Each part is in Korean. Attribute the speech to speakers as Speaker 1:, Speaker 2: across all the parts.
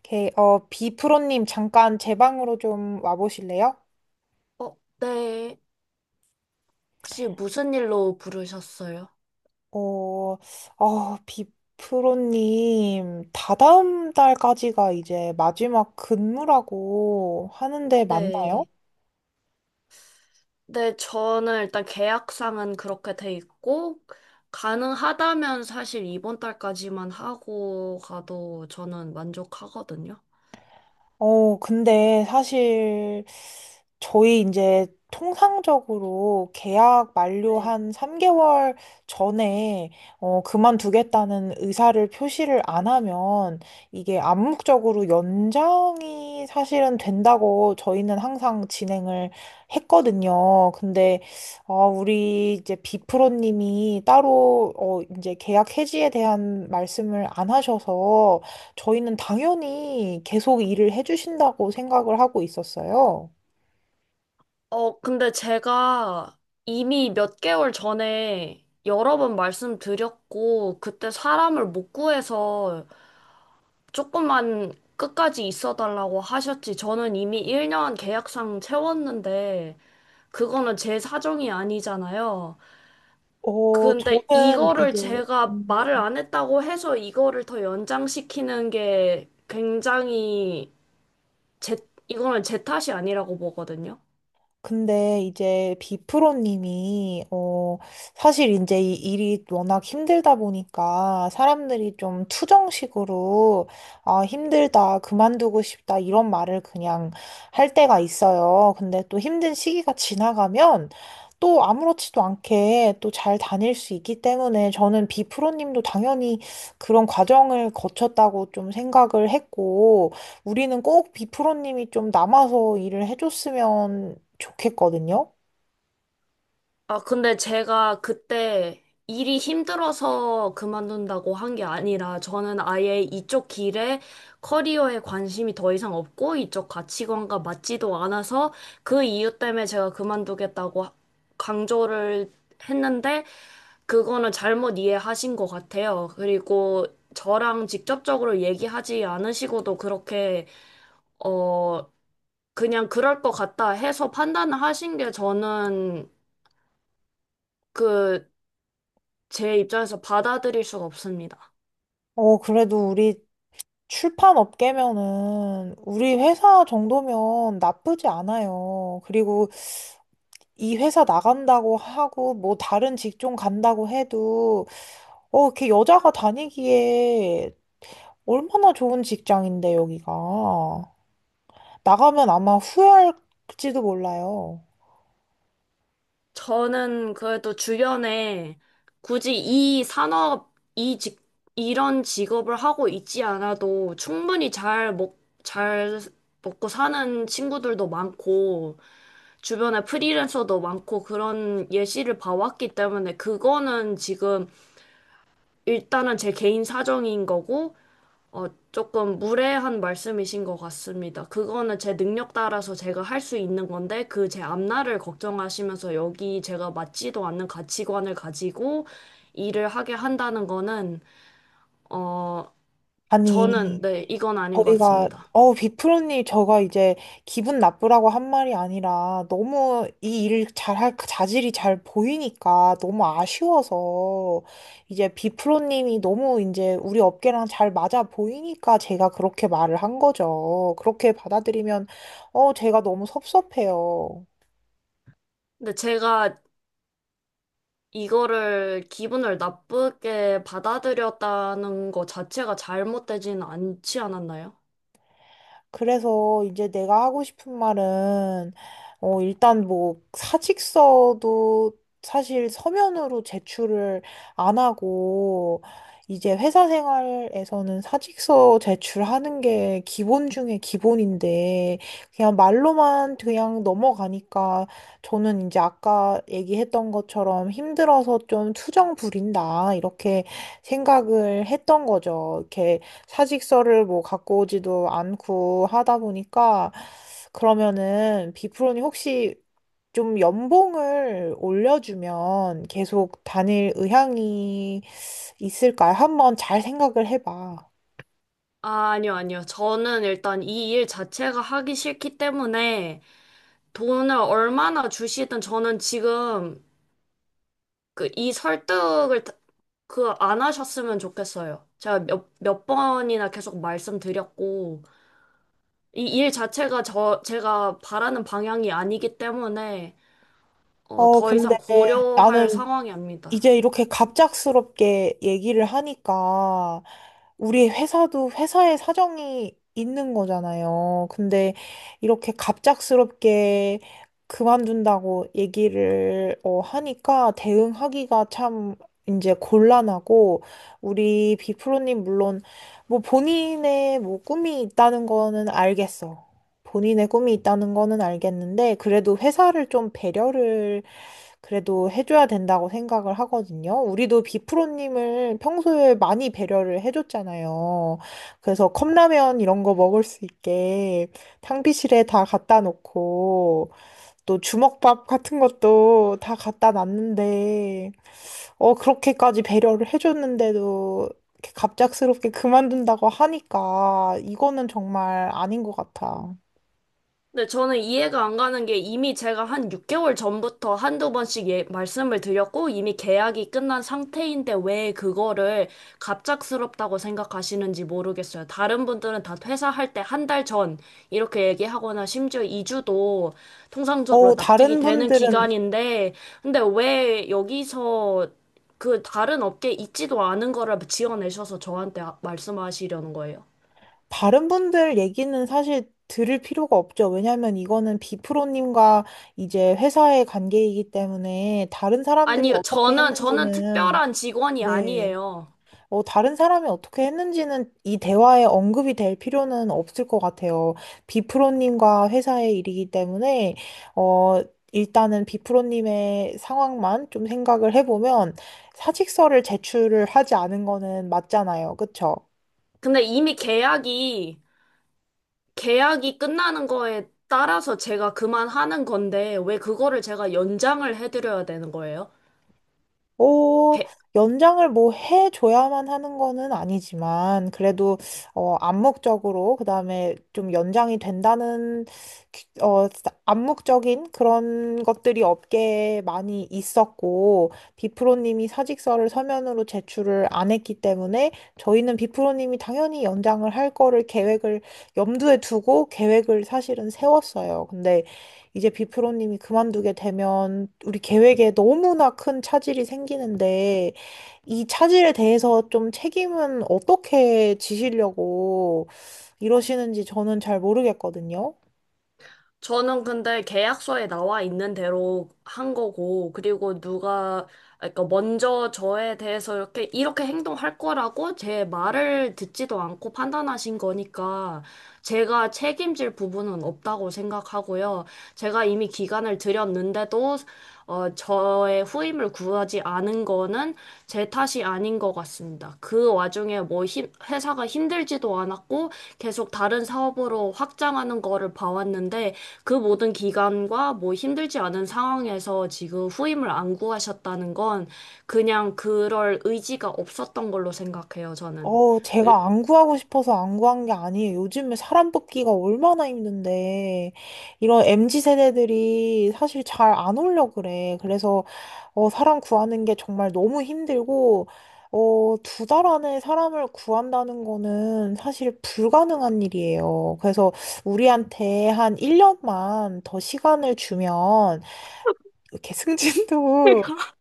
Speaker 1: 오케이. 비프로님 잠깐 제 방으로 좀 와보실래요?
Speaker 2: 네. 혹시 무슨 일로 부르셨어요?
Speaker 1: 어, 비프로님 다다음 달까지가 이제 마지막 근무라고 하는데 맞나요?
Speaker 2: 네. 네, 저는 일단 계약상은 그렇게 돼 있고, 가능하다면 사실 이번 달까지만 하고 가도 저는 만족하거든요.
Speaker 1: 근데 사실 저희 이제 통상적으로 계약 만료
Speaker 2: 네.
Speaker 1: 한 3개월 전에 그만두겠다는 의사를 표시를 안 하면 이게 암묵적으로 연장이 사실은 된다고 저희는 항상 진행을 했거든요. 근데 우리 이제 비프로님이 따로 이제 계약 해지에 대한 말씀을 안 하셔서 저희는 당연히 계속 일을 해주신다고 생각을 하고 있었어요.
Speaker 2: 근데 제가 이미 몇 개월 전에 여러 번 말씀드렸고, 그때 사람을 못 구해서 조금만 끝까지 있어달라고 하셨지. 저는 이미 1년 계약상 채웠는데, 그거는 제 사정이 아니잖아요.
Speaker 1: 어,
Speaker 2: 근데
Speaker 1: 저는
Speaker 2: 이거를
Speaker 1: 이제,
Speaker 2: 제가
Speaker 1: 음,
Speaker 2: 말을 안 했다고 해서 이거를 더 연장시키는 게 굉장히 제, 이거는 제 탓이 아니라고 보거든요.
Speaker 1: 근데 이제 비프로님이 사실 이제 이 일이 워낙 힘들다 보니까 사람들이 좀 투정식으로 아 힘들다 그만두고 싶다 이런 말을 그냥 할 때가 있어요. 근데 또 힘든 시기가 지나가면 또 아무렇지도 않게 또 잘 다닐 수 있기 때문에 저는 비프로님도 당연히 그런 과정을 거쳤다고 좀 생각을 했고 우리는 꼭 비프로님이 좀 남아서 일을 해줬으면 좋겠거든요.
Speaker 2: 아, 근데 제가 그때 일이 힘들어서 그만둔다고 한 게 아니라 저는 아예 이쪽 길에 커리어에 관심이 더 이상 없고 이쪽 가치관과 맞지도 않아서 그 이유 때문에 제가 그만두겠다고 강조를 했는데 그거는 잘못 이해하신 것 같아요. 그리고 저랑 직접적으로 얘기하지 않으시고도 어, 그냥 그럴 것 같다 해서 판단을 하신 게 그, 제 입장에서 받아들일 수가 없습니다.
Speaker 1: 그래도 우리 출판 업계면은 우리 회사 정도면 나쁘지 않아요. 그리고 이 회사 나간다고 하고 뭐 다른 직종 간다고 해도 이렇게 여자가 다니기에 얼마나 좋은 직장인데 여기가. 나가면 아마 후회할지도 몰라요.
Speaker 2: 저는 그래도 주변에 굳이 이 산업, 이 직, 이런 직업을 하고 있지 않아도 충분히 잘 먹고 사는 친구들도 많고, 주변에 프리랜서도 많고 그런 예시를 봐왔기 때문에 그거는 지금 일단은 제 개인 사정인 거고, 어, 조금 무례한 말씀이신 것 같습니다. 그거는 제 능력 따라서 제가 할 수 있는 건데, 그 제 앞날을 걱정하시면서 여기 제가 맞지도 않는 가치관을 가지고 일을 하게 한다는 거는, 어,
Speaker 1: 아니.
Speaker 2: 네, 이건 아닌 것
Speaker 1: 저희가
Speaker 2: 같습니다.
Speaker 1: 어 비프로님 저가 이제 기분 나쁘라고 한 말이 아니라 너무 이 일 잘할 그 자질이 잘 보이니까 너무 아쉬워서 이제 비프로님이 너무 이제 우리 업계랑 잘 맞아 보이니까 제가 그렇게 말을 한 거죠. 그렇게 받아들이면 제가 너무 섭섭해요.
Speaker 2: 근데 제가 이거를 기분을 나쁘게 받아들였다는 거 자체가 잘못되진 않지 않았나요?
Speaker 1: 그래서 이제 내가 하고 싶은 말은, 일단 뭐 사직서도 사실 서면으로 제출을 안 하고, 이제 회사 생활에서는 사직서 제출하는 게 기본 중에 기본인데, 그냥 말로만 그냥 넘어가니까 저는 이제 아까 얘기했던 것처럼 힘들어서 좀 투정 부린다, 이렇게 생각을 했던 거죠. 이렇게 사직서를 뭐 갖고 오지도 않고 하다 보니까 그러면은 비프로님 혹시 좀 연봉을 올려주면 계속 다닐 의향이 있을까요? 한번 잘 생각을 해봐.
Speaker 2: 아, 아니요, 아니요. 저는 일단 이 일 자체가 하기 싫기 때문에 돈을 얼마나 주시든 저는 지금 그 이 설득을 그 안 하셨으면 좋겠어요. 제가 몇 번이나 계속 말씀드렸고 이 일 자체가 제가 바라는 방향이 아니기 때문에 더
Speaker 1: 근데
Speaker 2: 이상 고려할
Speaker 1: 나는
Speaker 2: 상황이 아닙니다.
Speaker 1: 이제 이렇게 갑작스럽게 얘기를 하니까 우리 회사도 회사의 사정이 있는 거잖아요. 근데 이렇게 갑작스럽게 그만둔다고 얘기를 하니까 대응하기가 참 이제 곤란하고 우리 비프로님 물론 뭐 본인의 뭐 꿈이 있다는 거는 알겠어. 본인의 꿈이 있다는 거는 알겠는데 그래도 회사를 좀 배려를 그래도 해줘야 된다고 생각을 하거든요. 우리도 비프로님을 평소에 많이 배려를 해줬잖아요. 그래서 컵라면 이런 거 먹을 수 있게 탕비실에 다 갖다 놓고 또 주먹밥 같은 것도 다 갖다 놨는데 그렇게까지 배려를 해줬는데도 이렇게 갑작스럽게 그만둔다고 하니까 이거는 정말 아닌 것 같아.
Speaker 2: 근데 저는 이해가 안 가는 게 이미 제가 한 6개월 전부터 한두 번씩 예, 말씀을 드렸고 이미 계약이 끝난 상태인데 왜 그거를 갑작스럽다고 생각하시는지 모르겠어요. 다른 분들은 다 퇴사할 때 한 달 전 이렇게 얘기하거나 심지어 2주도 통상적으로
Speaker 1: 어,
Speaker 2: 납득이
Speaker 1: 다른
Speaker 2: 되는
Speaker 1: 분들은
Speaker 2: 기간인데 근데 왜 여기서 그 다른 업계에 있지도 않은 거를 지어내셔서 저한테 말씀하시려는 거예요?
Speaker 1: 다른 분들 얘기는 사실 들을 필요가 없죠. 왜냐하면 이거는 비프로님과 이제 회사의 관계이기 때문에 다른 사람들이
Speaker 2: 아니요,
Speaker 1: 어떻게
Speaker 2: 저는
Speaker 1: 했는지는,
Speaker 2: 특별한 직원이
Speaker 1: 네.
Speaker 2: 아니에요.
Speaker 1: 다른 사람이 어떻게 했는지는 이 대화에 언급이 될 필요는 없을 것 같아요. 비프로님과 회사의 일이기 때문에, 어, 일단은 비프로님의 상황만 좀 생각을 해보면 사직서를 제출을 하지 않은 거는 맞잖아요. 그쵸?
Speaker 2: 근데 이미 계약이 끝나는 거에 따라서 제가 그만하는 건데, 왜 그거를 제가 연장을 해드려야 되는 거예요?
Speaker 1: 어,
Speaker 2: 게-
Speaker 1: 연장을 뭐 해줘야만 하는 거는 아니지만, 그래도, 암묵적으로, 그 다음에 좀 연장이 된다는, 암묵적인 그런 것들이 업계에 많이 있었고, 비프로님이 사직서를 서면으로 제출을 안 했기 때문에, 저희는 비프로님이 당연히 연장을 할 거를 계획을 염두에 두고 계획을 사실은 세웠어요. 근데 이제 비프로님이 그만두게 되면 우리 계획에 너무나 큰 차질이 생기는데 이 차질에 대해서 좀 책임은 어떻게 지시려고 이러시는지 저는 잘 모르겠거든요.
Speaker 2: 저는 근데 계약서에 나와 있는 대로 한 거고, 그러니까 먼저 저에 대해서 이렇게 행동할 거라고 제 말을 듣지도 않고 판단하신 거니까, 제가 책임질 부분은 없다고 생각하고요. 제가 이미 기간을 드렸는데도, 저의 후임을 구하지 않은 거는 제 탓이 아닌 것 같습니다. 그 와중에 회사가 힘들지도 않았고 계속 다른 사업으로 확장하는 거를 봐왔는데 그 모든 기간과 뭐 힘들지 않은 상황에서 지금 후임을 안 구하셨다는 건 그냥 그럴 의지가 없었던 걸로 생각해요, 저는. 그-
Speaker 1: 제가 안 구하고 싶어서 안 구한 게 아니에요. 요즘에 사람 뽑기가 얼마나 힘든데, 이런 MZ 세대들이 사실 잘 안 오려고 그래. 사람 구하는 게 정말 너무 힘들고, 2달 안에 사람을 구한다는 거는 사실 불가능한 일이에요. 그래서 우리한테 한 1년만 더 시간을 주면, 이렇게
Speaker 2: 러니
Speaker 1: 승진도
Speaker 2: 까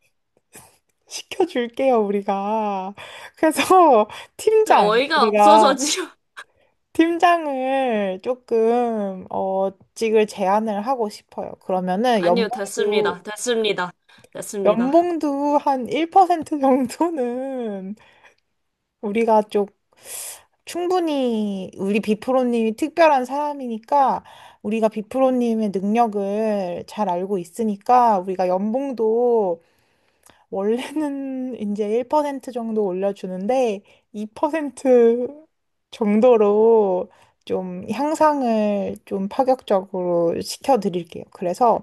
Speaker 1: 시켜줄게요, 우리가. 그래서, 팀장,
Speaker 2: 어이가 없어서
Speaker 1: 우리가.
Speaker 2: 지금.
Speaker 1: 팀장을 조금 어직을 제안을 하고 싶어요. 그러면은
Speaker 2: 아니요,
Speaker 1: 연봉도
Speaker 2: 됐습니다. 됐습니다. 됐습니다.
Speaker 1: 연봉도 한 1% 정도는 우리가 좀 충분히 우리 비프로님이 특별한 사람이니까 우리가 비프로님의 능력을 잘 알고 있으니까 우리가 연봉도 원래는 이제 1% 정도 올려주는데 2% 정도로 좀 향상을 좀 파격적으로 시켜드릴게요. 그래서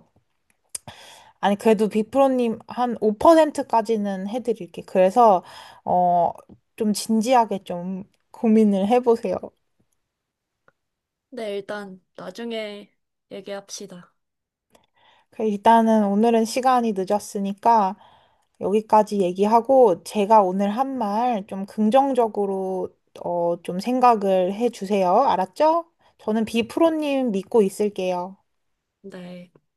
Speaker 1: 아니 그래도 비프로님 한 5%까지는 해드릴게. 그래서 어 좀 진지하게 좀 고민을 해보세요.
Speaker 2: 네, 일단 나중에 얘기합시다.
Speaker 1: 그 일단은 오늘은 시간이 늦었으니까 여기까지 얘기하고 제가 오늘 한 말 좀 긍정적으로 좀 생각을 해 주세요. 알았죠? 저는 비프로님 믿고 있을게요.
Speaker 2: 네.